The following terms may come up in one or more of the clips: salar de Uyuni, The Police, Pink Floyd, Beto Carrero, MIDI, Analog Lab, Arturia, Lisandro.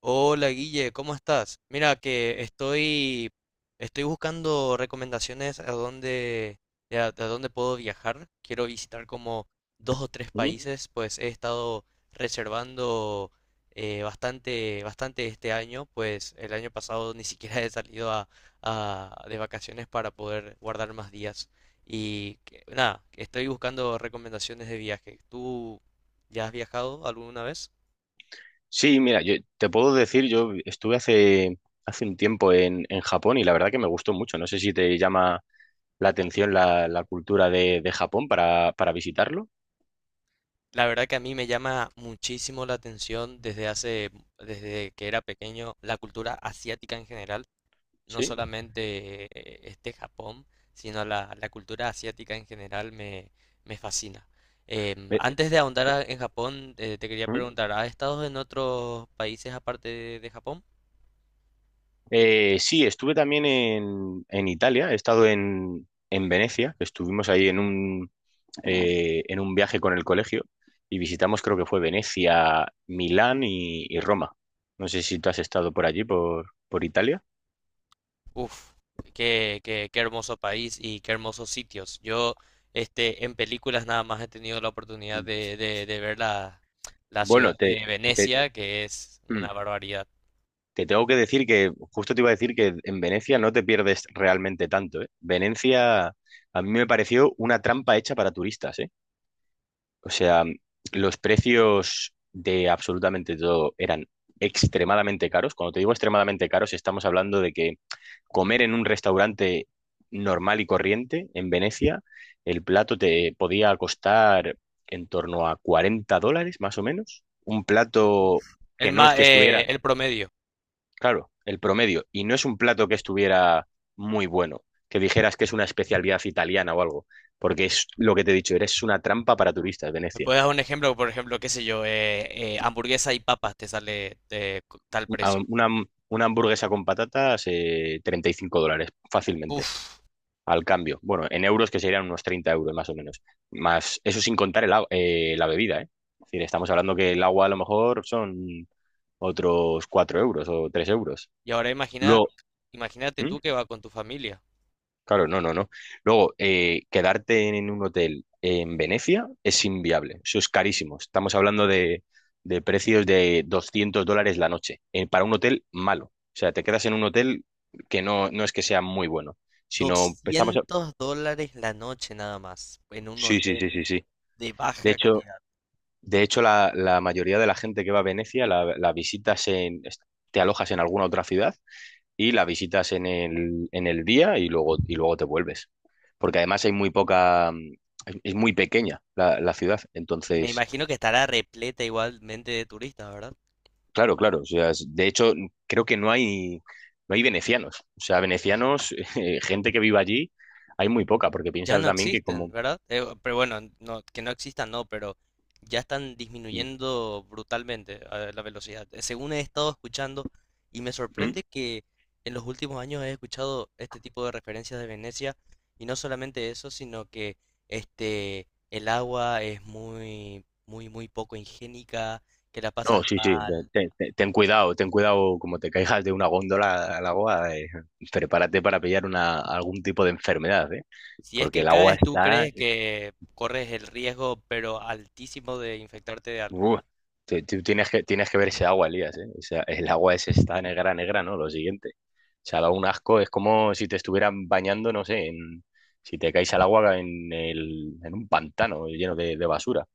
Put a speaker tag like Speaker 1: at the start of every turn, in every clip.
Speaker 1: Hola Guille, ¿cómo estás? Mira que estoy buscando recomendaciones a dónde puedo viajar. Quiero visitar como dos o tres
Speaker 2: Ujú.
Speaker 1: países, pues he estado reservando bastante, bastante este año, pues el año pasado ni siquiera he salido de vacaciones para poder guardar más días. Y nada, estoy buscando recomendaciones de viaje. ¿Tú ya has viajado alguna vez?
Speaker 2: Sí, mira, yo te puedo decir, yo estuve hace un tiempo en Japón y la verdad que me gustó mucho. No sé si te llama la atención la cultura de Japón para visitarlo.
Speaker 1: La verdad que a mí me llama muchísimo la atención desde que era pequeño, la cultura asiática en general, no
Speaker 2: Sí.
Speaker 1: solamente este Japón, sino la cultura asiática en general, me fascina.
Speaker 2: Eh,
Speaker 1: Antes de ahondar en Japón, te quería
Speaker 2: Ujú.
Speaker 1: preguntar, ¿has estado en otros países aparte de Japón?
Speaker 2: Sí, estuve también en Italia, he estado en Venecia, que estuvimos ahí en un, en un viaje con el colegio y visitamos, creo que fue Venecia, Milán y Roma. No sé si tú has estado por allí, por Italia.
Speaker 1: Uf, qué hermoso país y qué hermosos sitios. En películas nada más he tenido la oportunidad de ver la ciudad
Speaker 2: Bueno, te...
Speaker 1: de
Speaker 2: te-
Speaker 1: Venecia, que es
Speaker 2: mm.
Speaker 1: una barbaridad.
Speaker 2: Te tengo que decir que, justo te iba a decir que en Venecia no te pierdes realmente tanto, ¿eh? Venecia a mí me pareció una trampa hecha para turistas, ¿eh? O sea, los precios de absolutamente todo eran extremadamente caros. Cuando te digo extremadamente caros, estamos hablando de que comer en un restaurante normal y corriente en Venecia, el plato te podía costar en torno a $40, más o menos. Un plato que no es que estuviera.
Speaker 1: El promedio.
Speaker 2: Claro, el promedio. Y no es un plato que estuviera muy bueno, que dijeras que es una especialidad italiana o algo, porque es lo que te he dicho, eres una trampa para turistas,
Speaker 1: ¿Me
Speaker 2: Venecia.
Speaker 1: puedes dar un ejemplo? Por ejemplo, qué sé yo, hamburguesa y papas te sale tal
Speaker 2: A-
Speaker 1: precio.
Speaker 2: Una, una hamburguesa con patatas, $35 fácilmente,
Speaker 1: Uf,
Speaker 2: al cambio. Bueno, en euros que serían unos 30 € más o menos. Más, eso sin contar la bebida, ¿eh? Es decir, estamos hablando que el agua a lo mejor son otros 4 euros o 3 euros.
Speaker 1: y ahora
Speaker 2: Luego.
Speaker 1: imagínate
Speaker 2: ¿Mm?
Speaker 1: tú que vas con tu familia.
Speaker 2: Claro, no, no, no. Luego, quedarte en un hotel en Venecia es inviable. Eso es carísimo. Estamos hablando de precios de $200 la noche para un hotel malo. O sea, te quedas en un hotel que no, no es que sea muy bueno, sino
Speaker 1: $200 la noche nada más, en un
Speaker 2: Sí, sí, sí,
Speaker 1: hotel
Speaker 2: sí, sí.
Speaker 1: de
Speaker 2: De
Speaker 1: baja
Speaker 2: hecho,
Speaker 1: calidad.
Speaker 2: de hecho, la mayoría de la gente que va a Venecia Te alojas en alguna otra ciudad y la visitas en el día y luego te vuelves. Porque además hay muy poca, es muy pequeña la ciudad.
Speaker 1: Me
Speaker 2: Entonces,
Speaker 1: imagino que estará repleta igualmente de turistas, ¿verdad?
Speaker 2: claro, claro. O sea, de hecho, creo que no hay venecianos. O sea, venecianos, gente que viva allí, hay muy poca, porque
Speaker 1: Ya
Speaker 2: piensa
Speaker 1: no
Speaker 2: también que
Speaker 1: existen,
Speaker 2: como...
Speaker 1: ¿verdad? Pero bueno, no, que no existan, no, pero ya están
Speaker 2: ¿Mm?
Speaker 1: disminuyendo brutalmente la velocidad. Según he estado escuchando, y me
Speaker 2: mm,
Speaker 1: sorprende que en los últimos años he escuchado este tipo de referencias de Venecia, y no solamente eso, sino que el agua es muy, muy, muy poco higiénica, que la
Speaker 2: No,
Speaker 1: pasas
Speaker 2: sí, sí,
Speaker 1: mal.
Speaker 2: ten cuidado, como te caigas de una góndola al agua, prepárate para pillar una, algún tipo de enfermedad, ¿eh?
Speaker 1: Si es
Speaker 2: Porque
Speaker 1: que
Speaker 2: el agua
Speaker 1: caes, tú
Speaker 2: está...
Speaker 1: crees que corres el riesgo, pero altísimo de infectarte de algo.
Speaker 2: Uh, tú tienes que ver ese agua, Elías, ¿eh? O sea, el agua es esta negra, negra, ¿no? Lo siguiente. O sea, da un asco, es como si te estuvieran bañando, no sé, en, si te caes al agua en, el, en un pantano lleno de basura.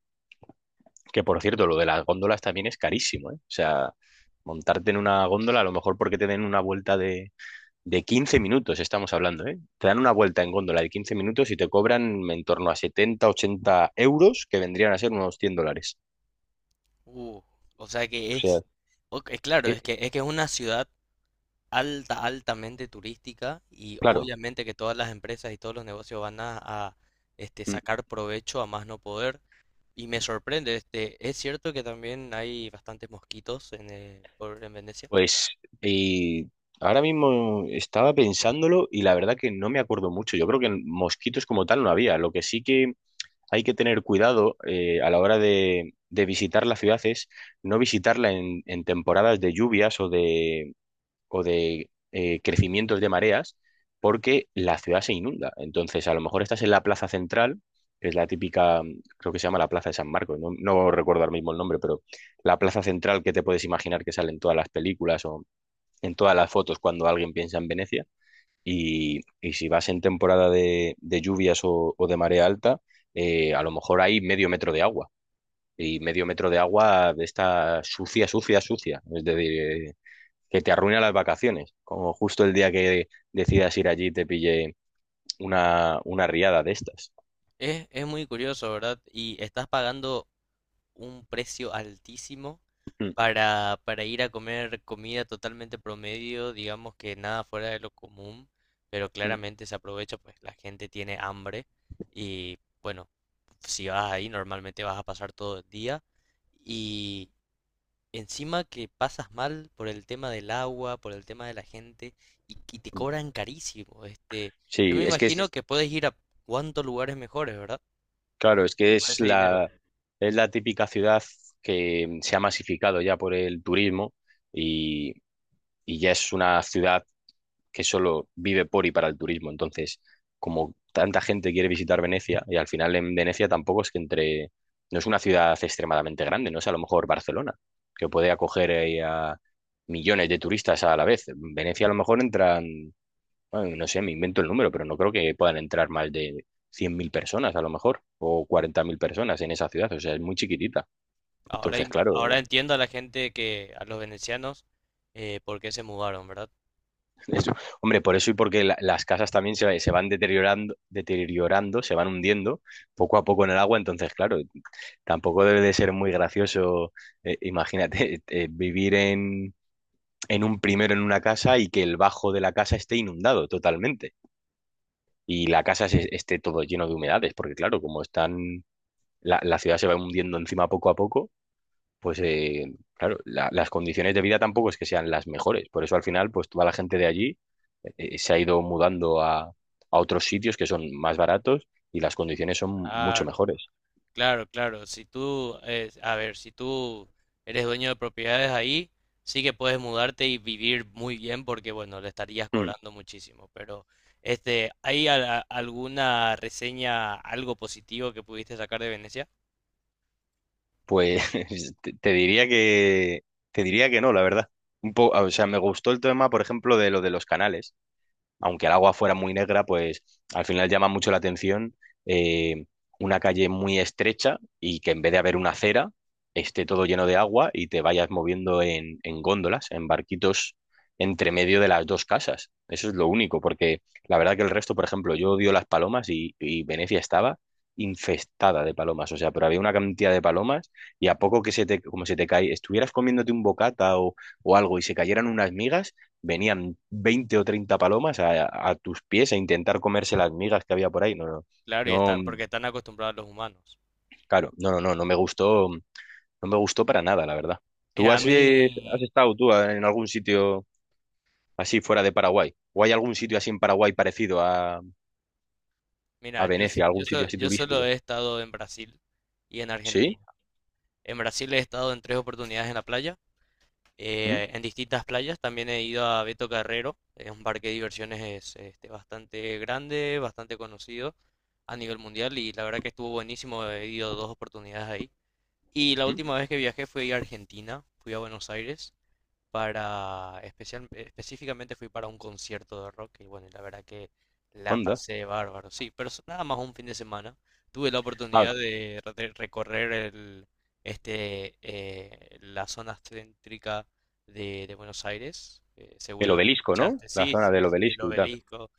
Speaker 2: Que por cierto, lo de las góndolas también es carísimo, ¿eh? O sea, montarte en una góndola, a lo mejor porque te den una vuelta de 15 minutos, estamos hablando, ¿eh? Te dan una vuelta en góndola de 15 minutos y te cobran en torno a 70 80 euros, que vendrían a ser unos $100.
Speaker 1: Uh, o sea que
Speaker 2: O sea,
Speaker 1: es, ok, es claro,
Speaker 2: eh,
Speaker 1: es que es una ciudad altamente turística y
Speaker 2: claro.
Speaker 1: obviamente que todas las empresas y todos los negocios van a
Speaker 2: Mm.
Speaker 1: sacar provecho a más no poder. Y me sorprende, es cierto que también hay bastantes mosquitos en Venecia.
Speaker 2: Pues eh, ahora mismo estaba pensándolo y la verdad que no me acuerdo mucho. Yo creo que mosquitos como tal no había. Lo que sí que hay que tener cuidado a la hora de visitar la ciudad es no visitarla en temporadas de lluvias o de, o de crecimientos de mareas porque la ciudad se inunda. Entonces, a lo mejor estás en la plaza central, que es la típica, creo que se llama la Plaza de San Marcos, no, no recuerdo ahora mismo el nombre, pero la plaza central que te puedes imaginar que sale en todas las películas o en todas las fotos cuando alguien piensa en Venecia. Y si vas en temporada de lluvias o de marea alta, a lo mejor hay medio metro de agua. Y medio metro de agua de esta sucia, sucia, sucia. Es decir, que te arruina las vacaciones, como justo el día que decidas ir allí te pille una riada de estas.
Speaker 1: Es muy curioso, ¿verdad? Y estás pagando un precio altísimo
Speaker 2: Mm,
Speaker 1: para ir a comer comida totalmente promedio, digamos que nada fuera de lo común, pero
Speaker 2: mm,
Speaker 1: claramente se aprovecha, pues la gente tiene hambre y bueno, si vas ahí normalmente vas a pasar todo el día y encima que pasas mal por el tema del agua, por el tema de la gente y te
Speaker 2: mm.
Speaker 1: cobran carísimo. Yo me Sí,
Speaker 2: Sí,
Speaker 1: es
Speaker 2: es que es,
Speaker 1: imagino que puedes ir a cuantos lugares mejores, ¿verdad?
Speaker 2: claro, es que
Speaker 1: Por ese dinero.
Speaker 2: es la típica ciudad que se ha masificado ya por el turismo y, y ya es una ciudad que solo vive por y para el turismo. Entonces, como tanta gente quiere visitar Venecia, y al final en Venecia tampoco es que entre, no es una ciudad extremadamente grande, no es a lo mejor Barcelona, que puede acoger ahí a millones de turistas a la vez. En Venecia a lo mejor entran, bueno, no sé, me invento el número, pero no creo que puedan entrar más de 100.000 personas a lo mejor, o 40.000 personas en esa ciudad, o sea, es muy chiquitita.
Speaker 1: Ahora,
Speaker 2: Entonces,
Speaker 1: im-
Speaker 2: claro.
Speaker 1: ahora entiendo a la gente que, a los venecianos, por qué se mudaron, ¿verdad?
Speaker 2: Eso. Hombre, por eso y porque las casas también se van deteriorando, deteriorando, se van hundiendo poco a poco en el agua, entonces, claro, tampoco debe de ser muy gracioso, imagínate, vivir en un primero en una casa y que el bajo de la casa esté inundado totalmente y la casa esté todo lleno de humedades, porque claro, como están, la ciudad se va hundiendo encima poco a poco, pues claro, las condiciones de vida tampoco es que sean las mejores. Por eso al final, pues toda la gente de allí se ha ido mudando a otros sitios que son más baratos y las condiciones son mucho
Speaker 1: Claro,
Speaker 2: mejores.
Speaker 1: claro, claro. A ver, si tú eres dueño de propiedades ahí, sí que puedes mudarte y vivir muy bien porque, bueno, le estarías
Speaker 2: Mm.
Speaker 1: cobrando muchísimo. Pero, ¿hay alguna reseña, algo positivo que pudiste sacar de Venecia?
Speaker 2: Pues te diría que te diría que no, la verdad. O sea, me gustó el tema, por ejemplo, de lo de los canales, aunque el agua fuera muy negra, pues al final llama mucho la atención eh, una calle muy estrecha y que en vez de haber una acera, esté todo lleno de agua y te vayas moviendo en góndolas, en barquitos entre medio de las dos casas. Eso es lo único, porque la verdad que el resto, por ejemplo, yo odio las palomas y Venecia estaba infestada de palomas, o sea, pero había una cantidad de palomas y a poco que se te, como se te cae, estuvieras comiéndote un bocata o algo y se cayeran unas migas, venían 20 o 30 palomas a tus pies a intentar comerse las migas que había por ahí. No, no,
Speaker 1: Claro,
Speaker 2: no,
Speaker 1: no, porque están acostumbrados los humanos.
Speaker 2: claro, no, no, no, no me gustó, no me gustó para nada, la verdad. ¿Tú
Speaker 1: Mira, a
Speaker 2: has,
Speaker 1: bueno,
Speaker 2: has
Speaker 1: mí,
Speaker 2: estado tú en algún sitio así fuera de Paraguay? ¿O hay algún sitio así en Paraguay parecido a
Speaker 1: mira, yo, s-
Speaker 2: Venecia,
Speaker 1: yo,
Speaker 2: algún sitio
Speaker 1: so-
Speaker 2: así
Speaker 1: yo solo
Speaker 2: turístico?
Speaker 1: he estado en Brasil y en
Speaker 2: ¿Sí?
Speaker 1: Argentina. En Brasil he estado en tres oportunidades en la playa,
Speaker 2: ¿Mm?
Speaker 1: en distintas playas. También he ido a Beto Carrero, es un parque de diversiones bastante grande, bastante conocido a nivel mundial y la verdad que estuvo buenísimo. He ido dos oportunidades ahí. Y la
Speaker 2: ¿Mm?
Speaker 1: última vez que viajé fui a Argentina, fui a Buenos Aires específicamente fui para un concierto de rock y bueno, y la verdad que la
Speaker 2: ¿Onda?
Speaker 1: pasé bárbaro. Sí, pero es nada más un fin de semana. Tuve la
Speaker 2: Ah,
Speaker 1: oportunidad de recorrer la zona céntrica de Buenos Aires.
Speaker 2: el
Speaker 1: Seguro
Speaker 2: obelisco, ¿no?
Speaker 1: escuchaste.
Speaker 2: La
Speaker 1: Sí,
Speaker 2: zona
Speaker 1: sí,
Speaker 2: del
Speaker 1: sí, el
Speaker 2: obelisco y tal.
Speaker 1: obelisco,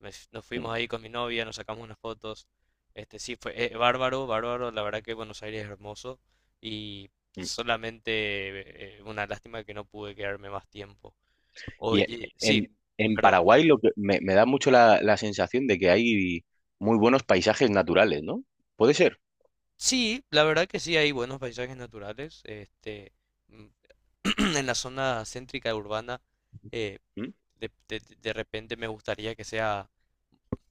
Speaker 1: me nos
Speaker 2: Mm,
Speaker 1: fuimos ahí con mi novia, nos sacamos unas fotos. Sí, fue bárbaro, bárbaro. La verdad que Buenos Aires es hermoso y
Speaker 2: mm.
Speaker 1: solamente una lástima que no pude quedarme más tiempo.
Speaker 2: Y e-
Speaker 1: Oye, sí,
Speaker 2: en, en
Speaker 1: Perdón.
Speaker 2: Paraguay lo que me da mucho la sensación de que hay muy buenos paisajes naturales, ¿no? Puede ser.
Speaker 1: Sí, la verdad que sí hay buenos paisajes naturales. Mm, en la zona céntrica urbana, eh,
Speaker 2: ¿Mm?
Speaker 1: de repente me gustaría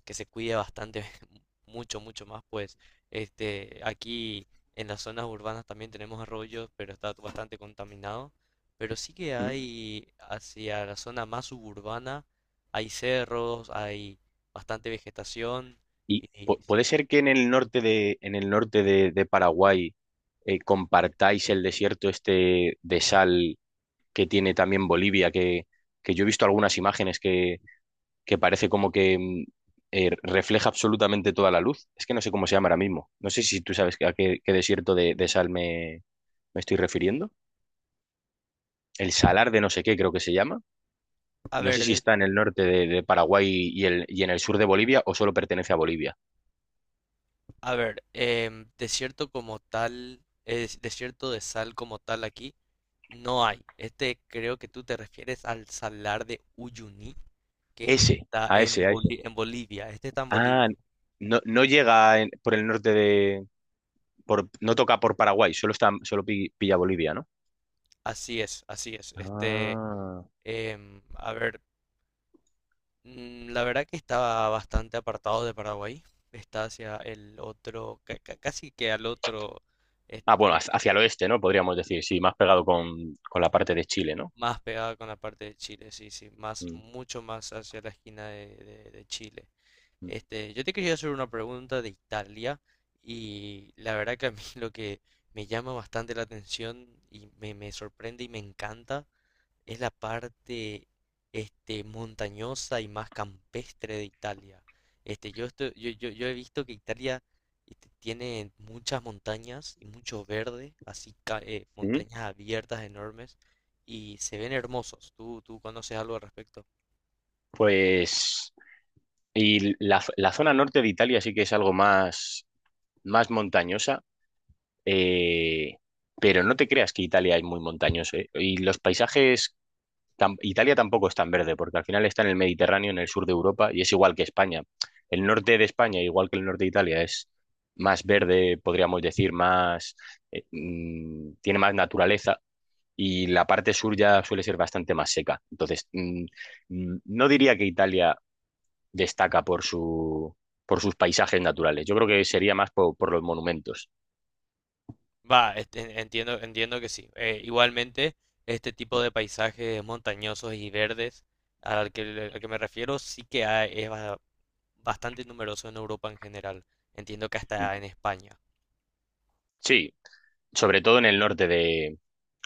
Speaker 1: que se cuide bastante, mucho, mucho más, pues aquí en las zonas urbanas también tenemos arroyos, pero está bastante contaminado. Pero sí que
Speaker 2: ¿Mm?
Speaker 1: hay hacia la zona más suburbana, hay cerros, hay bastante vegetación. Y,
Speaker 2: Y
Speaker 1: y
Speaker 2: puede
Speaker 1: sí.
Speaker 2: ser que en el norte de, en el norte de Paraguay compartáis el desierto este de sal que tiene también Bolivia, que yo he visto algunas imágenes que parece como que refleja absolutamente toda la luz. Es que no sé cómo se llama ahora mismo. No sé si tú sabes a qué, qué desierto de sal me estoy refiriendo. El salar de no sé qué creo que se llama.
Speaker 1: A
Speaker 2: No sé
Speaker 1: ver,
Speaker 2: si está en el norte de Paraguay y, el, y en el sur de Bolivia o solo pertenece a Bolivia.
Speaker 1: desierto como tal, es desierto de sal como tal aquí, no hay. Creo que tú te refieres al salar de Uyuni. Que
Speaker 2: Ese,
Speaker 1: está
Speaker 2: a ese,
Speaker 1: en,
Speaker 2: a ese.
Speaker 1: Boli- en Bolivia. Este está en Bolivia.
Speaker 2: Ah, no, no llega por el norte de... no toca por Paraguay, solo, está, solo pilla Bolivia, ¿no?
Speaker 1: Así es, así es.
Speaker 2: Ah.
Speaker 1: A ver, la verdad que está bastante apartado de Paraguay. Está hacia el otro, casi que al otro,
Speaker 2: Ah, bueno,
Speaker 1: este,
Speaker 2: hacia hacia el oeste, ¿no? Podríamos decir, sí, más pegado con la parte de Chile, ¿no?
Speaker 1: más pegada con la parte de Chile, sí, sí, más,
Speaker 2: Mm,
Speaker 1: mucho más hacia la esquina de Chile.
Speaker 2: mm.
Speaker 1: Yo te quería hacer una pregunta de Italia y la verdad que a mí lo que me llama bastante la atención y me sorprende y me encanta es la parte montañosa y más campestre de Italia. Yo, estoy- yo he visto que Italia tiene muchas montañas y mucho verde, así
Speaker 2: Mm.
Speaker 1: montañas abiertas enormes y se ven hermosos. ¿Tú conoces algo al respecto?
Speaker 2: Pues... Y la zona norte de Italia sí que es algo más, más montañosa. Eh, pero no te creas que Italia es muy montañoso, ¿eh? Y los paisajes, Italia tampoco es tan verde, porque al final está en el Mediterráneo, en el sur de Europa, y es igual que España. El norte de España, igual que el norte de Italia, es más verde, podríamos decir, más, tiene más naturaleza. Y la parte sur ya suele ser bastante más seca. Entonces, no diría que Italia destaca por su, por sus paisajes naturales. Yo creo que sería más por los monumentos.
Speaker 1: Va, entiendo que sí. Igualmente, este tipo de paisajes montañosos y verdes al que me refiero sí que hay, es bastante numeroso en Europa en general. Entiendo que
Speaker 2: Mm.
Speaker 1: hasta en España.
Speaker 2: Sí, sobre todo en el norte de,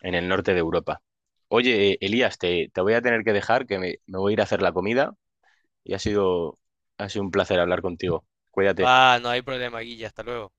Speaker 2: en el norte de Europa. Oye, Elías, te voy a tener que dejar, que me voy a ir a hacer la comida y ha sido un placer hablar contigo. Cuídate.
Speaker 1: Ah, no hay problema, Guilla, hasta luego.